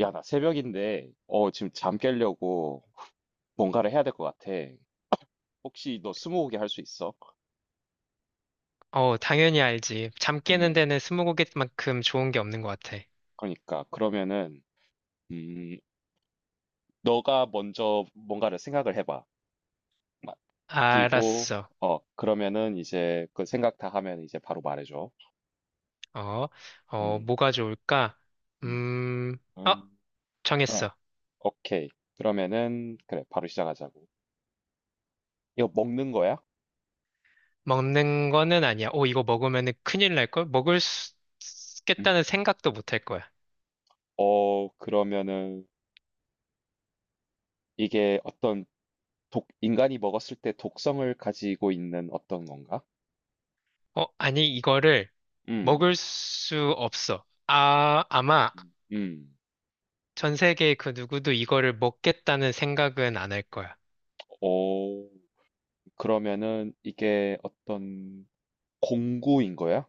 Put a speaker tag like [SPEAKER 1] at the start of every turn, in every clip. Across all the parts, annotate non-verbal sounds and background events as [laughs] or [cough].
[SPEAKER 1] 야, 나 새벽인데, 지금 잠 깨려고 뭔가를 해야 될 것 같아. 혹시 너 스무고개 할 수 있어?
[SPEAKER 2] 어, 당연히 알지. 잠 깨는
[SPEAKER 1] 음,
[SPEAKER 2] 데는 스무고개만큼 좋은 게 없는 것 같아.
[SPEAKER 1] 그러니까, 그러면은, 음, 너가 먼저 뭔가를 생각을 해봐. 마- 그리고,
[SPEAKER 2] 알았어.
[SPEAKER 1] 그러면은 이제 그 생각 다 하면 이제 바로 말해줘.
[SPEAKER 2] 어,
[SPEAKER 1] 음,
[SPEAKER 2] 뭐가 좋을까?
[SPEAKER 1] 음.
[SPEAKER 2] 음, 어,
[SPEAKER 1] 음, 응,
[SPEAKER 2] 정했어.
[SPEAKER 1] 오케이. 그러면은, 그래, 바로 시작하자고. 이거 먹는 거야?
[SPEAKER 2] 먹는 거는 아니야. 오, 이거 먹으면 큰일 날걸? 먹을 수
[SPEAKER 1] 음.
[SPEAKER 2] 있겠다는 생각도 못 할 거야.
[SPEAKER 1] 그러면은 이게 어떤 독, 인간이 먹었을 때 독성을 가지고 있는 어떤 건가?
[SPEAKER 2] 어, 아니, 이거를
[SPEAKER 1] 음.
[SPEAKER 2] 먹을 수 없어. 아, 아마
[SPEAKER 1] 음.
[SPEAKER 2] 전 세계 그 누구도 이거를 먹겠다는 생각은 안 할 거야.
[SPEAKER 1] 오. 그러면은 이게 어떤 공구인 거야?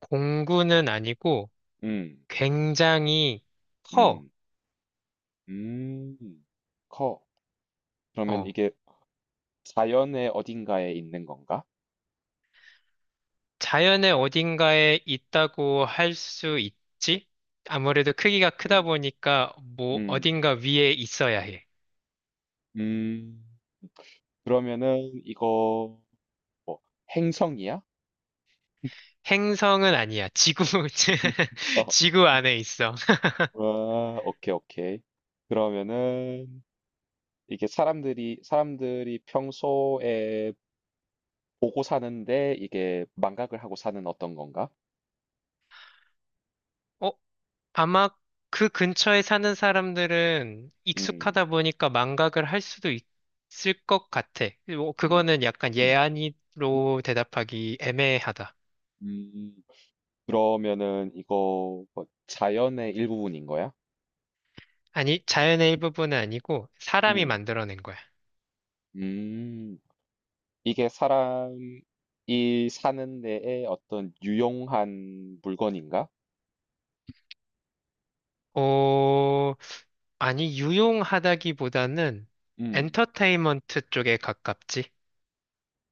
[SPEAKER 2] 공구는 아니고
[SPEAKER 1] 음.
[SPEAKER 2] 굉장히 커.
[SPEAKER 1] 음. 음. 커. 그러면
[SPEAKER 2] 어.
[SPEAKER 1] 이게 자연의 어딘가에 있는 건가?
[SPEAKER 2] 자연의 어딘가에 있다고 할 수 있지? 아무래도 크기가 크다
[SPEAKER 1] 음.
[SPEAKER 2] 보니까 뭐
[SPEAKER 1] 음.
[SPEAKER 2] 어딘가 위에 있어야 해.
[SPEAKER 1] 음. 그러면은 이거 뭐 행성이야?
[SPEAKER 2] 행성은 아니야. 지구, [laughs]
[SPEAKER 1] [laughs] 어.
[SPEAKER 2] 지구 안에 있어.
[SPEAKER 1] 와, 오케이, 오케이. 그러면은 이게 사람들이 평소에 보고 사는데 이게 망각을 하고 사는 어떤 건가?
[SPEAKER 2] 어, 아마 그 근처에 사는 사람들은
[SPEAKER 1] 음.
[SPEAKER 2] 익숙하다 보니까 망각을 할 수도 있을 것 같아. 뭐
[SPEAKER 1] 음.
[SPEAKER 2] 그거는 약간
[SPEAKER 1] 음.
[SPEAKER 2] 예안이로 대답하기 애매하다.
[SPEAKER 1] 음. 그러면은 이거 뭐 자연의 일부분인 거야?
[SPEAKER 2] 아니, 자연의 일부분은 아니고 사람이
[SPEAKER 1] 음.
[SPEAKER 2] 만들어낸 거야.
[SPEAKER 1] 음. 이게 사람이 사는 데에 어떤 유용한 물건인가?
[SPEAKER 2] 어, 아니, 유용하다기보다는
[SPEAKER 1] 음.
[SPEAKER 2] 엔터테인먼트 쪽에 가깝지.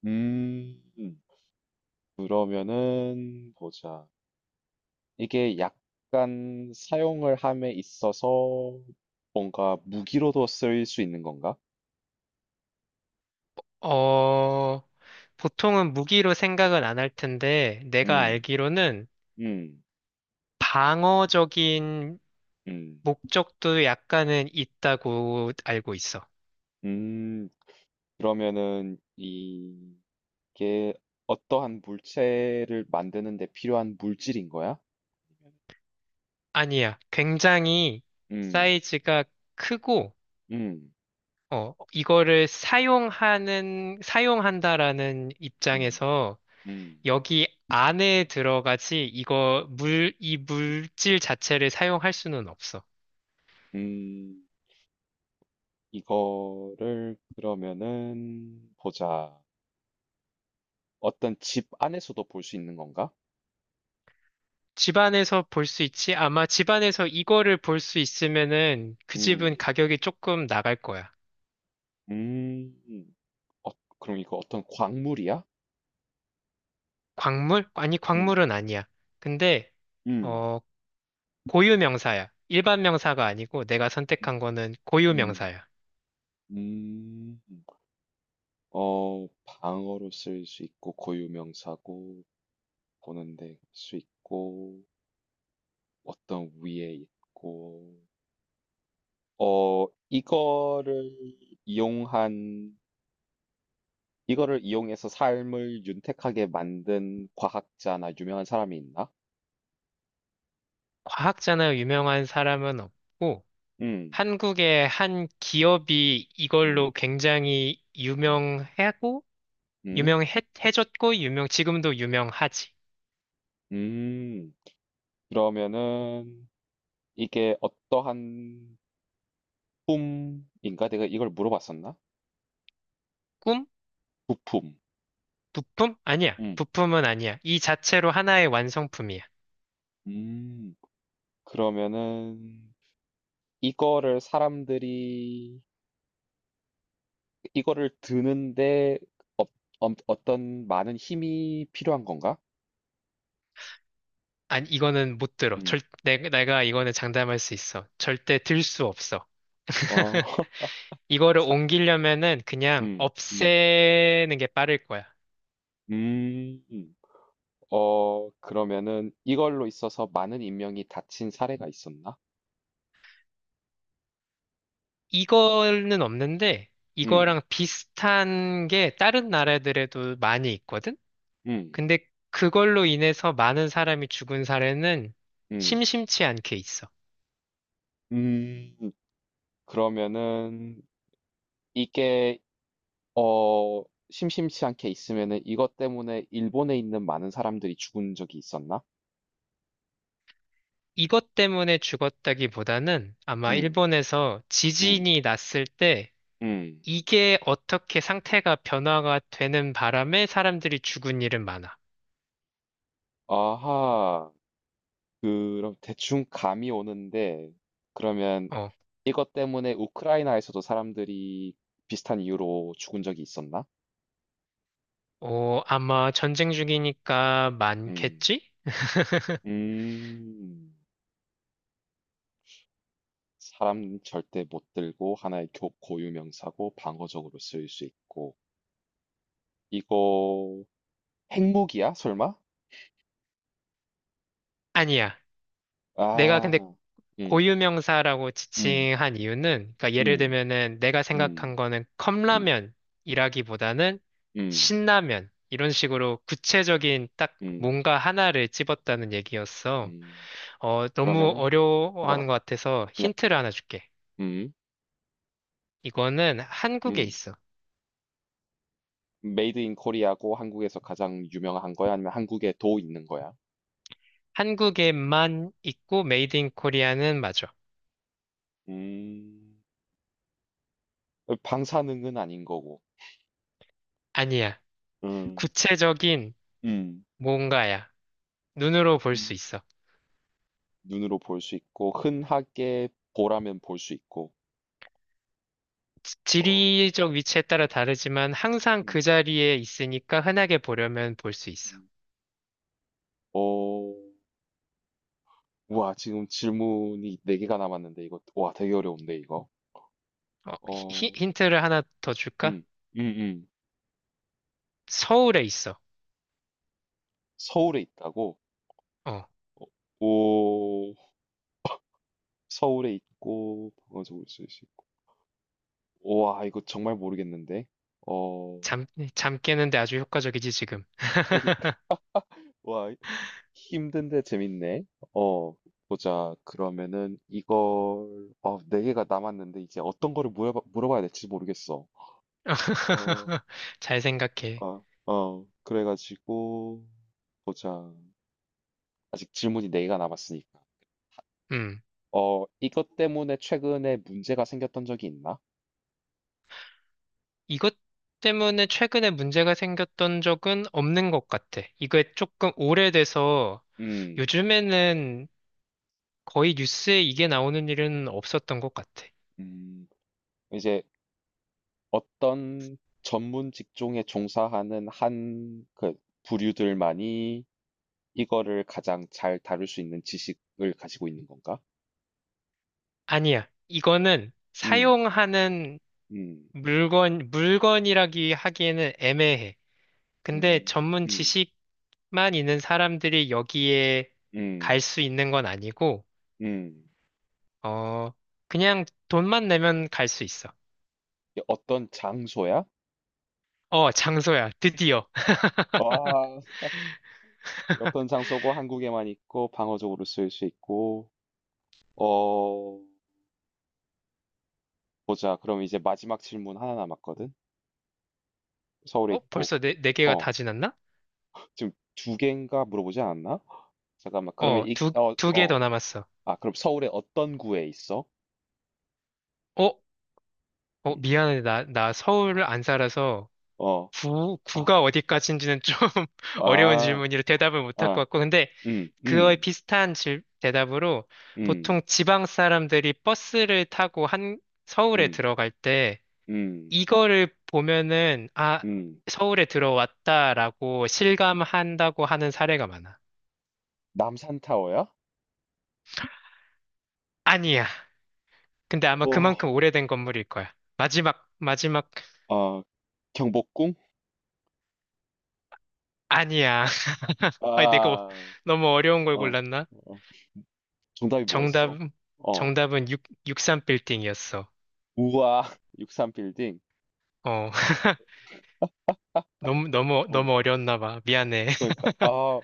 [SPEAKER 1] 음. 음. 그러면은 보자. 이게 약간 사용을 함에 있어서 뭔가 무기로도 쓰일 수 있는 건가?
[SPEAKER 2] 어, 보통은 무기로 생각은 안 할 텐데, 내가
[SPEAKER 1] 음.
[SPEAKER 2] 알기로는
[SPEAKER 1] 음.
[SPEAKER 2] 방어적인
[SPEAKER 1] 음.
[SPEAKER 2] 목적도 약간은 있다고 알고 있어.
[SPEAKER 1] 음. 그러면은 이 이게 어떠한 물체를 만드는 데 필요한 물질인 거야?
[SPEAKER 2] 아니야, 굉장히
[SPEAKER 1] 음,
[SPEAKER 2] 사이즈가 크고,
[SPEAKER 1] 음,
[SPEAKER 2] 어, 이거를 사용한다라는
[SPEAKER 1] 음,
[SPEAKER 2] 입장에서
[SPEAKER 1] 음,
[SPEAKER 2] 여기 안에 들어가지 이 물질 자체를 사용할 수는 없어.
[SPEAKER 1] 음. 이거를 그러면은 보자. 어떤 집 안에서도 볼 수 있는 건가?
[SPEAKER 2] 집안에서 볼 수 있지? 아마 집안에서 이거를 볼 수 있으면은 그
[SPEAKER 1] 음,
[SPEAKER 2] 집은 가격이 조금 나갈 거야.
[SPEAKER 1] 음. 어, 그럼 이거 어떤 광물이야?
[SPEAKER 2] 광물? 아니,
[SPEAKER 1] 음,
[SPEAKER 2] 광물은 아니야. 근데,
[SPEAKER 1] 음,
[SPEAKER 2] 어, 고유 명사야. 일반 명사가 아니고 내가 선택한 거는 고유
[SPEAKER 1] 음,
[SPEAKER 2] 명사야.
[SPEAKER 1] 음. 방어로 쓸 수 있고 고유명사고 보는 데 쓸 수 있고 어떤 위에 있고 이거를 이용한 이거를 이용해서 삶을 윤택하게 만든 과학자나 유명한 사람이 있나?
[SPEAKER 2] 과학자나 유명한 사람은 없고,
[SPEAKER 1] 음,
[SPEAKER 2] 한국의 한 기업이 이걸로
[SPEAKER 1] 음,
[SPEAKER 2] 굉장히
[SPEAKER 1] 음,
[SPEAKER 2] 유명하고,
[SPEAKER 1] 음,
[SPEAKER 2] 유명해졌고 유명 지금도 유명하지.
[SPEAKER 1] 음. 그러면은 이게 어떠한 품인가? 내가 이걸 물어봤었나?
[SPEAKER 2] 꿈?
[SPEAKER 1] 부품.
[SPEAKER 2] 부품? 아니야.
[SPEAKER 1] 음,
[SPEAKER 2] 부품은 아니야. 이 자체로 하나의 완성품이야.
[SPEAKER 1] 음. 그러면은 이거를 사람들이 이거를 드는데 어, 어, 어떤 많은 힘이 필요한 건가?
[SPEAKER 2] 아니 이거는 못 들어.
[SPEAKER 1] 음.
[SPEAKER 2] 내가 이거는 장담할 수 있어. 절대 들 수 없어.
[SPEAKER 1] 어,
[SPEAKER 2] [laughs]
[SPEAKER 1] [laughs]
[SPEAKER 2] 이거를
[SPEAKER 1] 사,
[SPEAKER 2] 옮기려면은 그냥
[SPEAKER 1] 음, 음,
[SPEAKER 2] 없애는 게 빠를 거야.
[SPEAKER 1] 음. 음. 그러면은 이걸로 있어서 많은 인명이 다친 사례가 있었나?
[SPEAKER 2] 이거는 없는데
[SPEAKER 1] 음,
[SPEAKER 2] 이거랑 비슷한 게 다른 나라들에도 많이 있거든?
[SPEAKER 1] 음,
[SPEAKER 2] 근데 그걸로 인해서 많은 사람이 죽은 사례는
[SPEAKER 1] 음,
[SPEAKER 2] 심심치 않게 있어.
[SPEAKER 1] 음. 그러면은 이게 어, 심심치 않게 있으면은 이것 때문에 일본에 있는 많은 사람들이 죽은 적이 있었나?
[SPEAKER 2] 이것 때문에 죽었다기보다는 아마
[SPEAKER 1] 음,
[SPEAKER 2] 일본에서
[SPEAKER 1] 음,
[SPEAKER 2] 지진이 났을 때
[SPEAKER 1] 음.
[SPEAKER 2] 이게 어떻게 상태가 변화가 되는 바람에 사람들이 죽은 일은 많아.
[SPEAKER 1] 아하. 그럼 대충 감이 오는데 그러면
[SPEAKER 2] 어,
[SPEAKER 1] 이것 때문에 우크라이나에서도 사람들이 비슷한 이유로 죽은 적이 있었나?
[SPEAKER 2] 아마 전쟁 중이니까
[SPEAKER 1] 음,
[SPEAKER 2] 많겠지? [laughs]
[SPEAKER 1] 음, 사람 절대 못 들고 하나의 고유 명사고 방어적으로 쓰일 수 있고 이거 핵무기야? 설마?
[SPEAKER 2] 아니야. 내가 근데
[SPEAKER 1] 아, 음,
[SPEAKER 2] 고유명사라고
[SPEAKER 1] 음,
[SPEAKER 2] 지칭한 이유는, 그러니까 예를
[SPEAKER 1] 음,
[SPEAKER 2] 들면은 내가
[SPEAKER 1] 음,
[SPEAKER 2] 생각한 거는
[SPEAKER 1] 음,
[SPEAKER 2] 컵라면이라기보다는
[SPEAKER 1] 음,
[SPEAKER 2] 신라면, 이런 식으로 구체적인 딱
[SPEAKER 1] 음,
[SPEAKER 2] 뭔가 하나를 집었다는 얘기였어.
[SPEAKER 1] 음.
[SPEAKER 2] 어, 너무
[SPEAKER 1] 그러면은
[SPEAKER 2] 어려워하는
[SPEAKER 1] 잠깐만,
[SPEAKER 2] 것 같아서
[SPEAKER 1] 그냥
[SPEAKER 2] 힌트를 하나 줄게.
[SPEAKER 1] 음,
[SPEAKER 2] 이거는 한국에
[SPEAKER 1] 음.
[SPEAKER 2] 있어.
[SPEAKER 1] 메이드 인 코리아고 한국에서 가장 유명한 거야? 아니면 한국에 도 있는 거야?
[SPEAKER 2] 한국에만 있고 메이드 인 코리아는 맞아.
[SPEAKER 1] 음, 방사능은 아닌 거고,
[SPEAKER 2] 아니야.
[SPEAKER 1] 음,
[SPEAKER 2] 구체적인
[SPEAKER 1] 음,
[SPEAKER 2] 뭔가야. 눈으로 볼 수
[SPEAKER 1] 음,
[SPEAKER 2] 있어.
[SPEAKER 1] 눈으로 볼 수 있고, 흔하게 보라면 볼 수 있고, 어,
[SPEAKER 2] 지리적 위치에 따라 다르지만 항상
[SPEAKER 1] 음,
[SPEAKER 2] 그 자리에 있으니까 흔하게 보려면 볼 수 있어.
[SPEAKER 1] 음. 어, 와, 지금 질문이 네개가 남았는데, 이거, 와, 되게 어려운데, 이거.
[SPEAKER 2] 어,
[SPEAKER 1] 어,
[SPEAKER 2] 힌트를 하나 더 줄까?
[SPEAKER 1] 음, 음, 음.
[SPEAKER 2] 서울에 있어.
[SPEAKER 1] 서울에 있다고?
[SPEAKER 2] 어,
[SPEAKER 1] 오, 서울에 있고, 방어적으로 쓸수 있고. 와, 이거 정말 모르겠는데. 어,
[SPEAKER 2] 잠, 잠 깨는데 아주 효과적이지, 지금.
[SPEAKER 1] 그러니까 [laughs] 와 힘든데 재밌네. 어 보자. 그러면은 이걸 어네 개가 남았는데 이제 어떤 거를 물어봐야 될지 모르겠어. 어,
[SPEAKER 2] [laughs] 잘 생각해.
[SPEAKER 1] 그래가지고 보자. 아직 질문이 네 개가 남았으니까.
[SPEAKER 2] 음,
[SPEAKER 1] 이것 때문에 최근에 문제가 생겼던 적이 있나?
[SPEAKER 2] 이것 때문에 최근에 문제가 생겼던 적은 없는 것 같아. 이게 조금 오래돼서
[SPEAKER 1] 음,
[SPEAKER 2] 요즘에는 거의 뉴스에 이게 나오는 일은 없었던 것 같아.
[SPEAKER 1] 음 이제 어떤 전문 직종에 종사하는 한 그 부류들만이 이거를 가장 잘 다룰 수 있는 지식을 가지고 있는 건가?
[SPEAKER 2] 아니야. 이거는
[SPEAKER 1] 음,
[SPEAKER 2] 사용하는
[SPEAKER 1] 음,
[SPEAKER 2] 물건이라기 하기에는 애매해. 근데
[SPEAKER 1] 음,
[SPEAKER 2] 전문
[SPEAKER 1] 음,
[SPEAKER 2] 지식만 있는 사람들이 여기에 갈
[SPEAKER 1] 음,
[SPEAKER 2] 수 있는 건 아니고,
[SPEAKER 1] 음.
[SPEAKER 2] 어, 그냥 돈만 내면 갈 수 있어.
[SPEAKER 1] 어떤 장소야?
[SPEAKER 2] 어, 장소야. 드디어. [laughs]
[SPEAKER 1] 와, 어떤 장소고 한국에만 있고 방어적으로 쓸 수 있고, 어, 보자. 그럼 이제 마지막 질문 하나 남았거든? 서울에
[SPEAKER 2] 어,
[SPEAKER 1] 있고,
[SPEAKER 2] 벌써 네 개가
[SPEAKER 1] 어,
[SPEAKER 2] 다 지났나?
[SPEAKER 1] 지금 두 개인가 물어보지 않았나? 잠깐만, 그러면
[SPEAKER 2] 어, 두 개 더 남았어.
[SPEAKER 1] 아, 그럼 서울의 어떤 구에 있어?
[SPEAKER 2] 어,
[SPEAKER 1] 음,
[SPEAKER 2] 미안해. 나 서울 안 살아서
[SPEAKER 1] 어, 아,
[SPEAKER 2] 구가 어디까지인지는 좀 [laughs] 어려운
[SPEAKER 1] 아,
[SPEAKER 2] 질문이라 대답을 못할 것
[SPEAKER 1] 아,
[SPEAKER 2] 같고, 근데
[SPEAKER 1] 음,
[SPEAKER 2] 그거에
[SPEAKER 1] 음,
[SPEAKER 2] 비슷한 대답으로
[SPEAKER 1] 음.
[SPEAKER 2] 보통 지방 사람들이 버스를 타고 서울에
[SPEAKER 1] 음,
[SPEAKER 2] 들어갈 때
[SPEAKER 1] 음,
[SPEAKER 2] 이거를 보면은, 아,
[SPEAKER 1] 음.
[SPEAKER 2] 서울에 들어왔다라고 실감한다고 하는 사례가 많아.
[SPEAKER 1] 남산타워야?
[SPEAKER 2] 아니야. 근데 아마
[SPEAKER 1] 어,
[SPEAKER 2] 그만큼 오래된 건물일 거야. 마지막,
[SPEAKER 1] 아, 경복궁?
[SPEAKER 2] 아니야. [laughs] 아니, 내가 뭐
[SPEAKER 1] 아,
[SPEAKER 2] 너무 어려운 걸
[SPEAKER 1] 어,
[SPEAKER 2] 골랐나?
[SPEAKER 1] 어. 정답이
[SPEAKER 2] 정답,
[SPEAKER 1] 뭐였어? 어,
[SPEAKER 2] 정답은 육3 빌딩이었어.
[SPEAKER 1] 우와, [laughs] 6삼빌딩
[SPEAKER 2] 어. [laughs] 너무, 너무,
[SPEAKER 1] 어,
[SPEAKER 2] 너무 어려웠나 봐. 미안해.
[SPEAKER 1] 그러니까,
[SPEAKER 2] [laughs]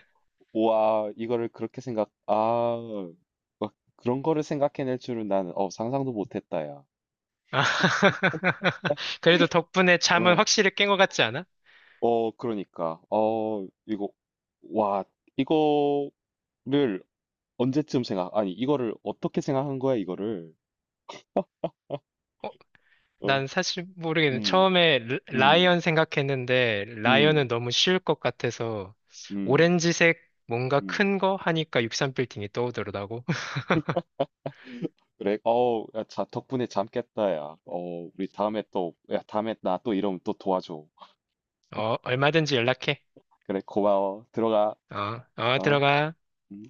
[SPEAKER 1] 우와, 이거를 그렇게 막 그런 거를 생각해낼 줄은 나는, 상상도 못했다, 야.
[SPEAKER 2] 아, [laughs] 그래도 덕분에 잠은
[SPEAKER 1] 어,
[SPEAKER 2] 확실히 깬 것 같지 않아?
[SPEAKER 1] 그러니까, 이거, 와, 이거를 언제쯤 아니, 이거를 어떻게 생각한 거야, 이거를?
[SPEAKER 2] 어,
[SPEAKER 1] 어,
[SPEAKER 2] 난 사실 모르겠네.
[SPEAKER 1] 음.
[SPEAKER 2] 처음에 라이언
[SPEAKER 1] 음.
[SPEAKER 2] 생각했는데, 라이언은
[SPEAKER 1] 음.
[SPEAKER 2] 너무 쉬울 것 같아서,
[SPEAKER 1] 음.
[SPEAKER 2] 오렌지색 뭔가
[SPEAKER 1] 음.
[SPEAKER 2] 큰 거 하니까 63빌딩이 떠오르더라고. [laughs]
[SPEAKER 1] 그래? 어우 야 자 덕분에 잠 깼다 야. 우리 다음에 또 야 다음에 나 또 이러면 또 도와줘.
[SPEAKER 2] 어, 얼마든지 연락해.
[SPEAKER 1] 그래 고마워. 들어가.
[SPEAKER 2] 어, 어,
[SPEAKER 1] 어?
[SPEAKER 2] 들어가.
[SPEAKER 1] 음.